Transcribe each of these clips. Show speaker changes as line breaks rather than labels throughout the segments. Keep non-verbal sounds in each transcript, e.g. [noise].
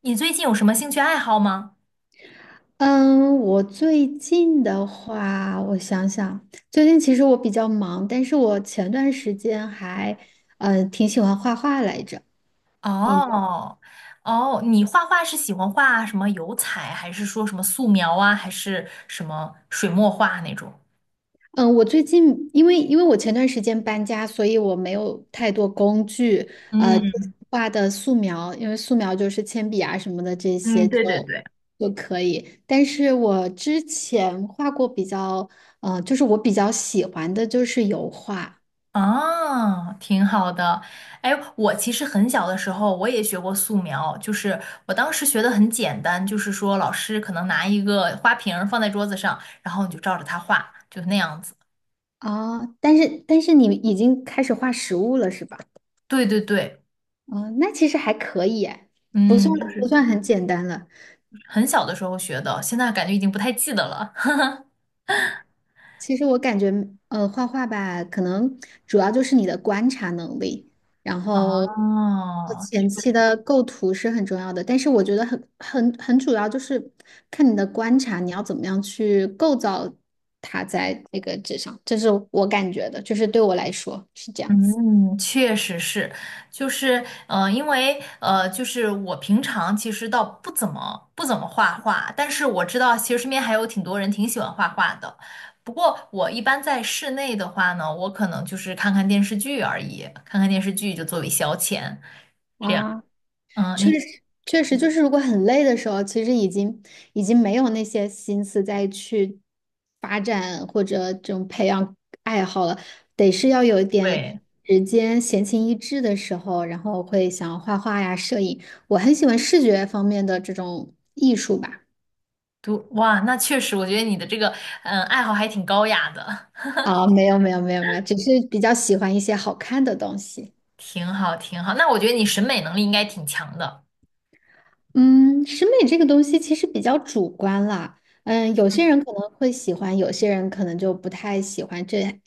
你最近有什么兴趣爱好吗？
嗯，我最近的话，我想想，最近其实我比较忙，但是我前段时间还，挺喜欢画画来着。你呢？
哦。哦，你画画是喜欢画什么油彩，还是说什么素描啊，还是什么水墨画那种？
嗯，我最近因为我前段时间搬家，所以我没有太多工具，就
嗯
是画的素描，因为素描就是铅笔啊什么的这些
嗯，
就
对对对。
就可以。但是我之前画过比较，就是我比较喜欢的就是油画。
啊，挺好的。哎，我其实很小的时候我也学过素描，就是我当时学的很简单，就是说老师可能拿一个花瓶儿放在桌子上，然后你就照着它画，就那样子。
哦，但是你已经开始画实物了是吧？
对对对。
嗯，那其实还可以哎，不算
嗯，就
不
是
算很简单了。
很小的时候学的，现在感觉已经不太记得了。
其实我感觉，画画吧，可能主要就是你的观察能力，然后
哦，
前
确
期
实。
的构图是很重要的。但是我觉得很主要就是看你的观察，你要怎么样去构造它在那个纸上，这是我感觉的，就是对我来说是这样子。
嗯，确实是，就是，因为，就是我平常其实倒不怎么画画，但是我知道其实身边还有挺多人挺喜欢画画的。不过我一般在室内的话呢，我可能就是看看电视剧而已，看看电视剧就作为消遣，这样。
啊。
嗯，
确
你
实，确实，就是如果很累的时候，其实已经没有那些心思再去发展或者这种培养爱好了，得是要有一点
对，
时间闲情逸致的时候，然后会想要画画呀、摄影。我很喜欢视觉方面的这种艺术吧。
读，哇，那确实，我觉得你的这个，嗯，爱好还挺高雅的。
啊、没有，没有，没有，没有，只是比较喜欢一些好看的东西。
挺好，挺好。那我觉得你审美能力应该挺强的。
嗯，审美这个东西其实比较主观啦。嗯，有些人可能会喜欢，有些人可能就不太喜欢这，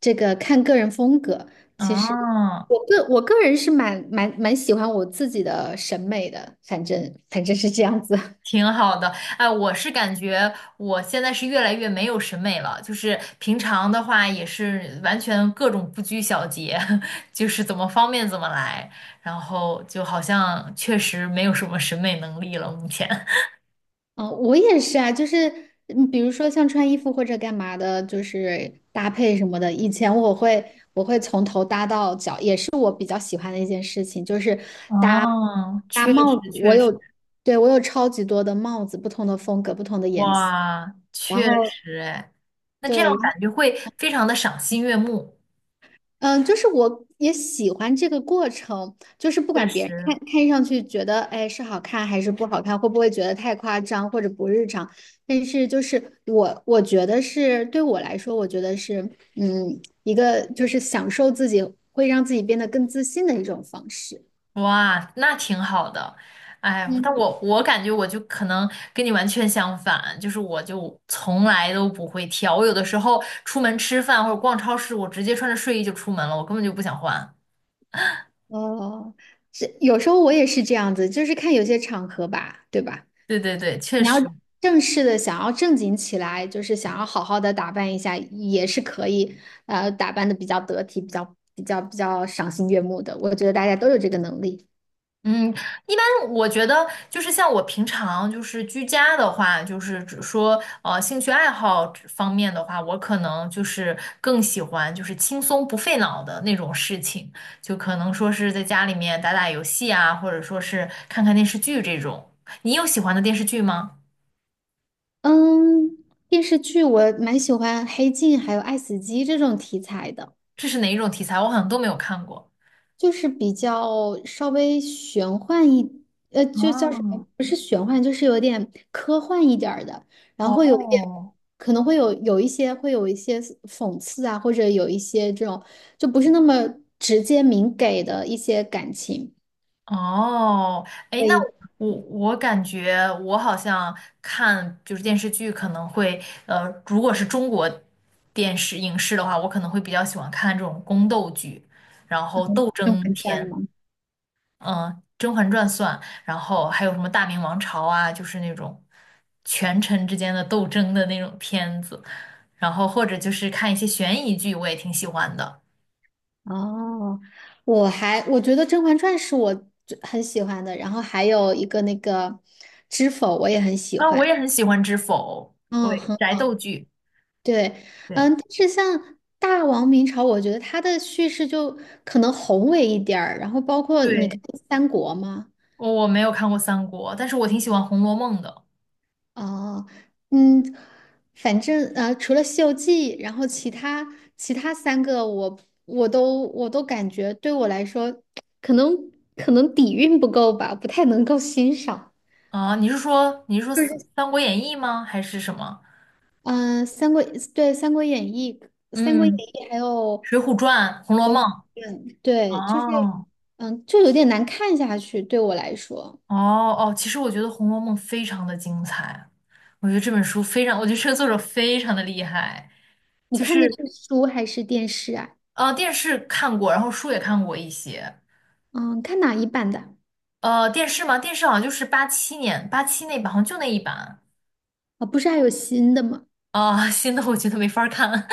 这个看个人风格。其实
哦，
我个人是蛮喜欢我自己的审美的，反正是这样子。[laughs]
挺好的。哎，我现在是越来越没有审美了，就是平常的话也是完全各种不拘小节，[laughs] 就是怎么方便怎么来，然后就好像确实没有什么审美能力了，目前。[laughs]
哦，我也是啊，就是嗯比如说像穿衣服或者干嘛的，就是搭配什么的。以前我会从头搭到脚，也是我比较喜欢的一件事情，就是搭
哦，
搭
确
帽
实
子。我
确实。
有，对，我有超级多的帽子，不同的风格，不同的颜色。
哇，
然
确
后
实哎，那这样
对，然后。
感觉会非常的赏心悦目。
嗯，就是我也喜欢这个过程，就是不
确
管别人
实。
看看上去觉得，哎，是好看还是不好看，会不会觉得太夸张或者不日常，但是就是我觉得是对我来说，我觉得是嗯一个就是享受自己，会让自己变得更自信的一种方式。
哇，那挺好的。哎，但
嗯，
我我感觉我就可能跟你完全相反，就是我就从来都不会挑，我有的时候出门吃饭或者逛超市，我直接穿着睡衣就出门了，我根本就不想换。
哦，这有时候我也是这样子，就是看有些场合吧，对吧？
对对对，确
你要
实。
正式的想要正经起来，就是想要好好的打扮一下，也是可以，打扮的比较得体，比较赏心悦目的。我觉得大家都有这个能力。
嗯，一般我觉得就是像我平常就是居家的话，就是只说兴趣爱好这方面的话，我可能就是更喜欢就是轻松不费脑的那种事情，就可能说是在家里面打打游戏啊，或者说是看看电视剧这种。你有喜欢的电视剧吗？
嗯，电视剧我蛮喜欢《黑镜》还有《爱死机》这种题材的。
这是哪一种题材？我好像都没有看过。
就是比较稍微玄幻一，就叫什么？
哦。
不是玄幻，就是有点科幻一点儿的，然后会有一点，
哦。
可能会有一些讽刺啊，或者有一些这种就不是那么直接明给的一些感情。
哦。哎，
所
那
以
我感觉我好像看就是电视剧，可能会如果是中国电视影视的话，我可能会比较喜欢看这种宫斗剧，然后斗
《甄
争
嬛传》
片。
吗？
嗯、甄嬛传》算，然后还有什么《大明王朝》啊，就是那种权臣之间的斗争的那种片子，然后或者就是看一些悬疑剧，我也挺喜欢的。
哦，我还我觉得《甄嬛传》是我最很喜欢的，然后还有一个那个《知否》我也很喜
啊，我
欢。
也很喜欢《知否》。
嗯，
对，宅斗剧。
对，嗯，
对
但是像《大王明朝》，我觉得它的叙事就可能宏伟一点儿，然后包括你看
对。
三国嘛，
我没有看过三国，但是我挺喜欢《红楼梦》的。
哦，嗯，反正除了《西游记》，然后其他三个我，我都感觉对我来说，可能可能底蕴不够吧，不太能够欣赏。
啊。你是说三《三国演义》吗？还是什么？
嗯，三国对《三国演义》《三国演
嗯，
义》还有
《水浒传》《红楼梦》。
《嗯，对，就是
哦。
嗯，就有点难看下去，对我来说。
哦。哦，其实我觉得《红楼梦》非常的精彩，我觉得这本书非常，我觉得这个作者非常的厉害。
你
就
看的是
是
书还是电视啊？
电视看过，然后书也看过一些。
嗯，看哪一版的？
电视嘛，电视好像就是八七年八七那版，好像就那一版。
啊，不是还有新的吗？
啊、新的我觉得没法儿看，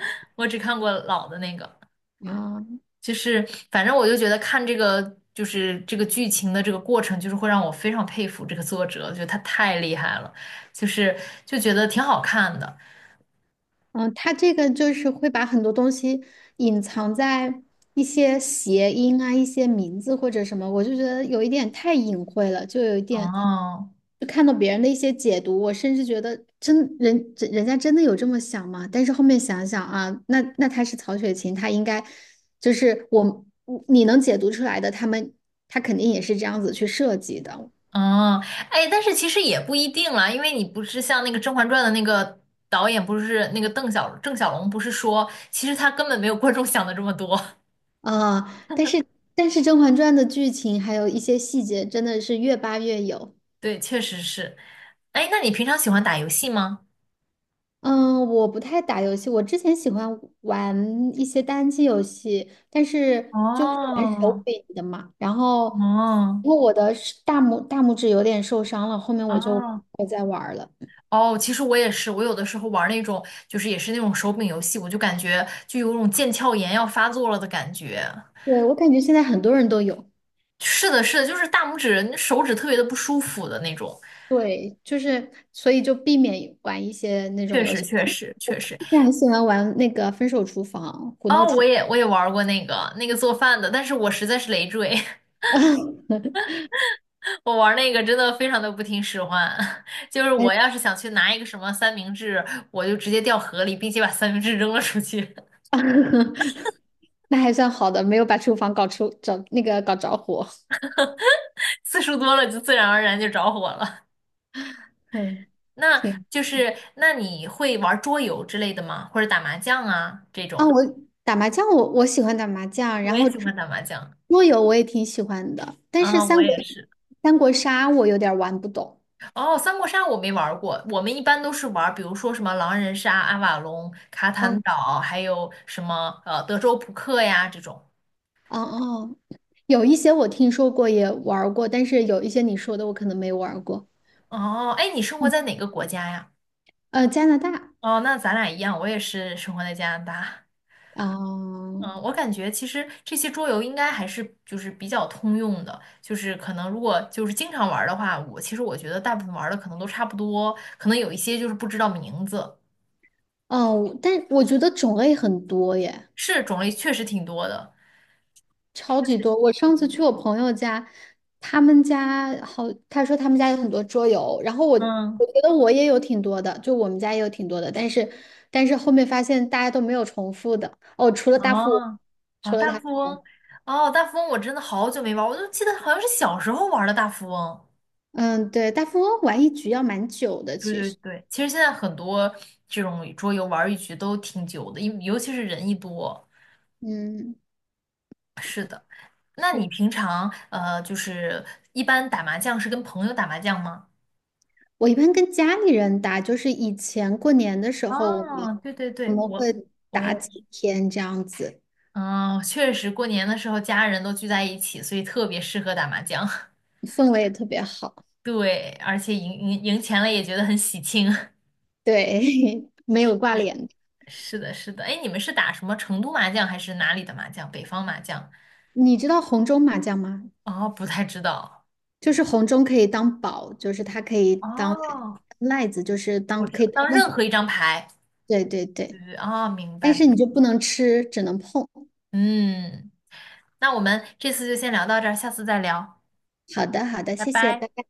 [laughs] 我只看过老的那个。
啊。
就是反正我就觉得看这个就是这个剧情的这个过程，就是会让我非常佩服这个作者，觉得他太厉害了，就是就觉得挺好看的。
嗯，它这个就是会把很多东西隐藏在一些谐音啊、一些名字或者什么，我就觉得有一点太隐晦了，就有一点，
哦。
就看到别人的一些解读，我甚至觉得真人家真的有这么想吗？但是后面想想啊，那他是曹雪芹，他应该就是我你能解读出来的，他肯定也是这样子去设计的。
哦。哎，但是其实也不一定啦，因为你不是像那个《甄嬛传》的那个导演，不是那个郑晓龙，不是说其实他根本没有观众想的这么多。
啊、但是但是《甄嬛传》的剧情还有一些细节真的是越扒越有。
[laughs] 对，确实是。哎，那你平常喜欢打游戏吗？
嗯，我不太打游戏，我之前喜欢玩一些单机游戏，但是就是玩手
哦。
柄的嘛。然后，
哦。
因为我的是大拇指有点受伤了，后面我就
哦。
不再玩儿了。
哦，其实我也是，我有的时候玩儿那种，就是也是那种手柄游戏，我就感觉就有种腱鞘炎要发作了的感觉。
对，我感觉现在很多人都有，
是的，是的，就是大拇指、手指特别的不舒服的那种。
对，就是所以就避免玩一些那种
确
游
实，
戏。
确实，确实。
之前很喜欢玩那个《分手厨房》《胡闹
哦，
厨
我也玩儿过那个做饭的，但是我实在是累赘，
房》
[laughs] 我玩儿那个真的非常的不听使唤。[laughs] 就是
[laughs] 哎，
我要是想去拿一个什么三明治，我就直接掉河里，并且把三明治扔了出去，
[laughs] 那还算好的，没有把厨房搞出找那个搞着火。
[laughs] 次数多了就自然而然就着火了。
[laughs] 嗯。
那
挺
就是那你会玩桌游之类的吗？或者打麻将啊这
啊，
种？
我打麻将，我喜欢打麻将，
我
然后
也喜欢打麻将。
桌游我也挺喜欢的，但是
啊，我
三国
也是。
三国杀我有点儿玩不懂。
哦，三国杀我没玩儿过，我们一般都是玩儿，比如说什么狼人杀、阿瓦隆、卡坦
啊
岛，还有什么德州扑克呀这种。
啊哦，有一些我听说过也玩儿过，但是有一些你说的我可能没玩儿过。
哦。哎，你生活在哪个国家呀？
呃，加拿大
哦，那咱俩一样，我也是生活在加拿大。
啊，
嗯，我感觉其实这些桌游应该还是就是比较通用的，就是可能如果就是经常玩儿的话，我其实我觉得大部分玩儿的可能都差不多，可能有一些就是不知道名字。
哦，但我觉得种类很多耶。
是种类确实挺多的，
超
就
级
是
多。我上次去我朋友家，他们家好，他说他们家有很多桌游，然后我
嗯。
我觉得我也有挺多的，就我们家也有挺多的，但是但是后面发现大家都没有重复的哦，除了大富翁，
哦。哦，
除了
大
大富
富翁。
翁，
哦，大富翁我真的好久没玩儿，我就记得好像是小时候玩儿的大富翁。
嗯，对，大富翁玩一局要蛮久的，
对
其
对
实，
对，其实现在很多这种桌游玩儿一局都挺久的，尤其是人一多。
嗯，
那
是
你
的
平常就是一般打麻将是跟朋友打麻将吗？
我一般跟家里人打，就是以前过年的时候，我们
哦，对对
我
对，
们
我
会
我也，
打几天这样子，
嗯、确实过年的时候家人都聚在一起，所以特别适合打麻将。[laughs]
氛围也特别好，
对，而且赢钱了也觉得很喜庆。[laughs]
对，[laughs] 没有挂
是
脸。
是的，是的。哎，你们是打什么成都麻将还是哪里的麻将？北方麻将？
你知道红中麻将吗？
哦，不太知道。
就是红中可以当宝，就是它可以当
哦，
赖子，就是
我
当
知
可
道，
以当
当
任
任
何。
何一张牌。
对对
对
对，
对。哦，明
但是
白。
你就不能吃，只能碰。
嗯，那我们这次就先聊到这儿，下次再聊。
好的好的，
拜
谢谢，
拜。
拜拜。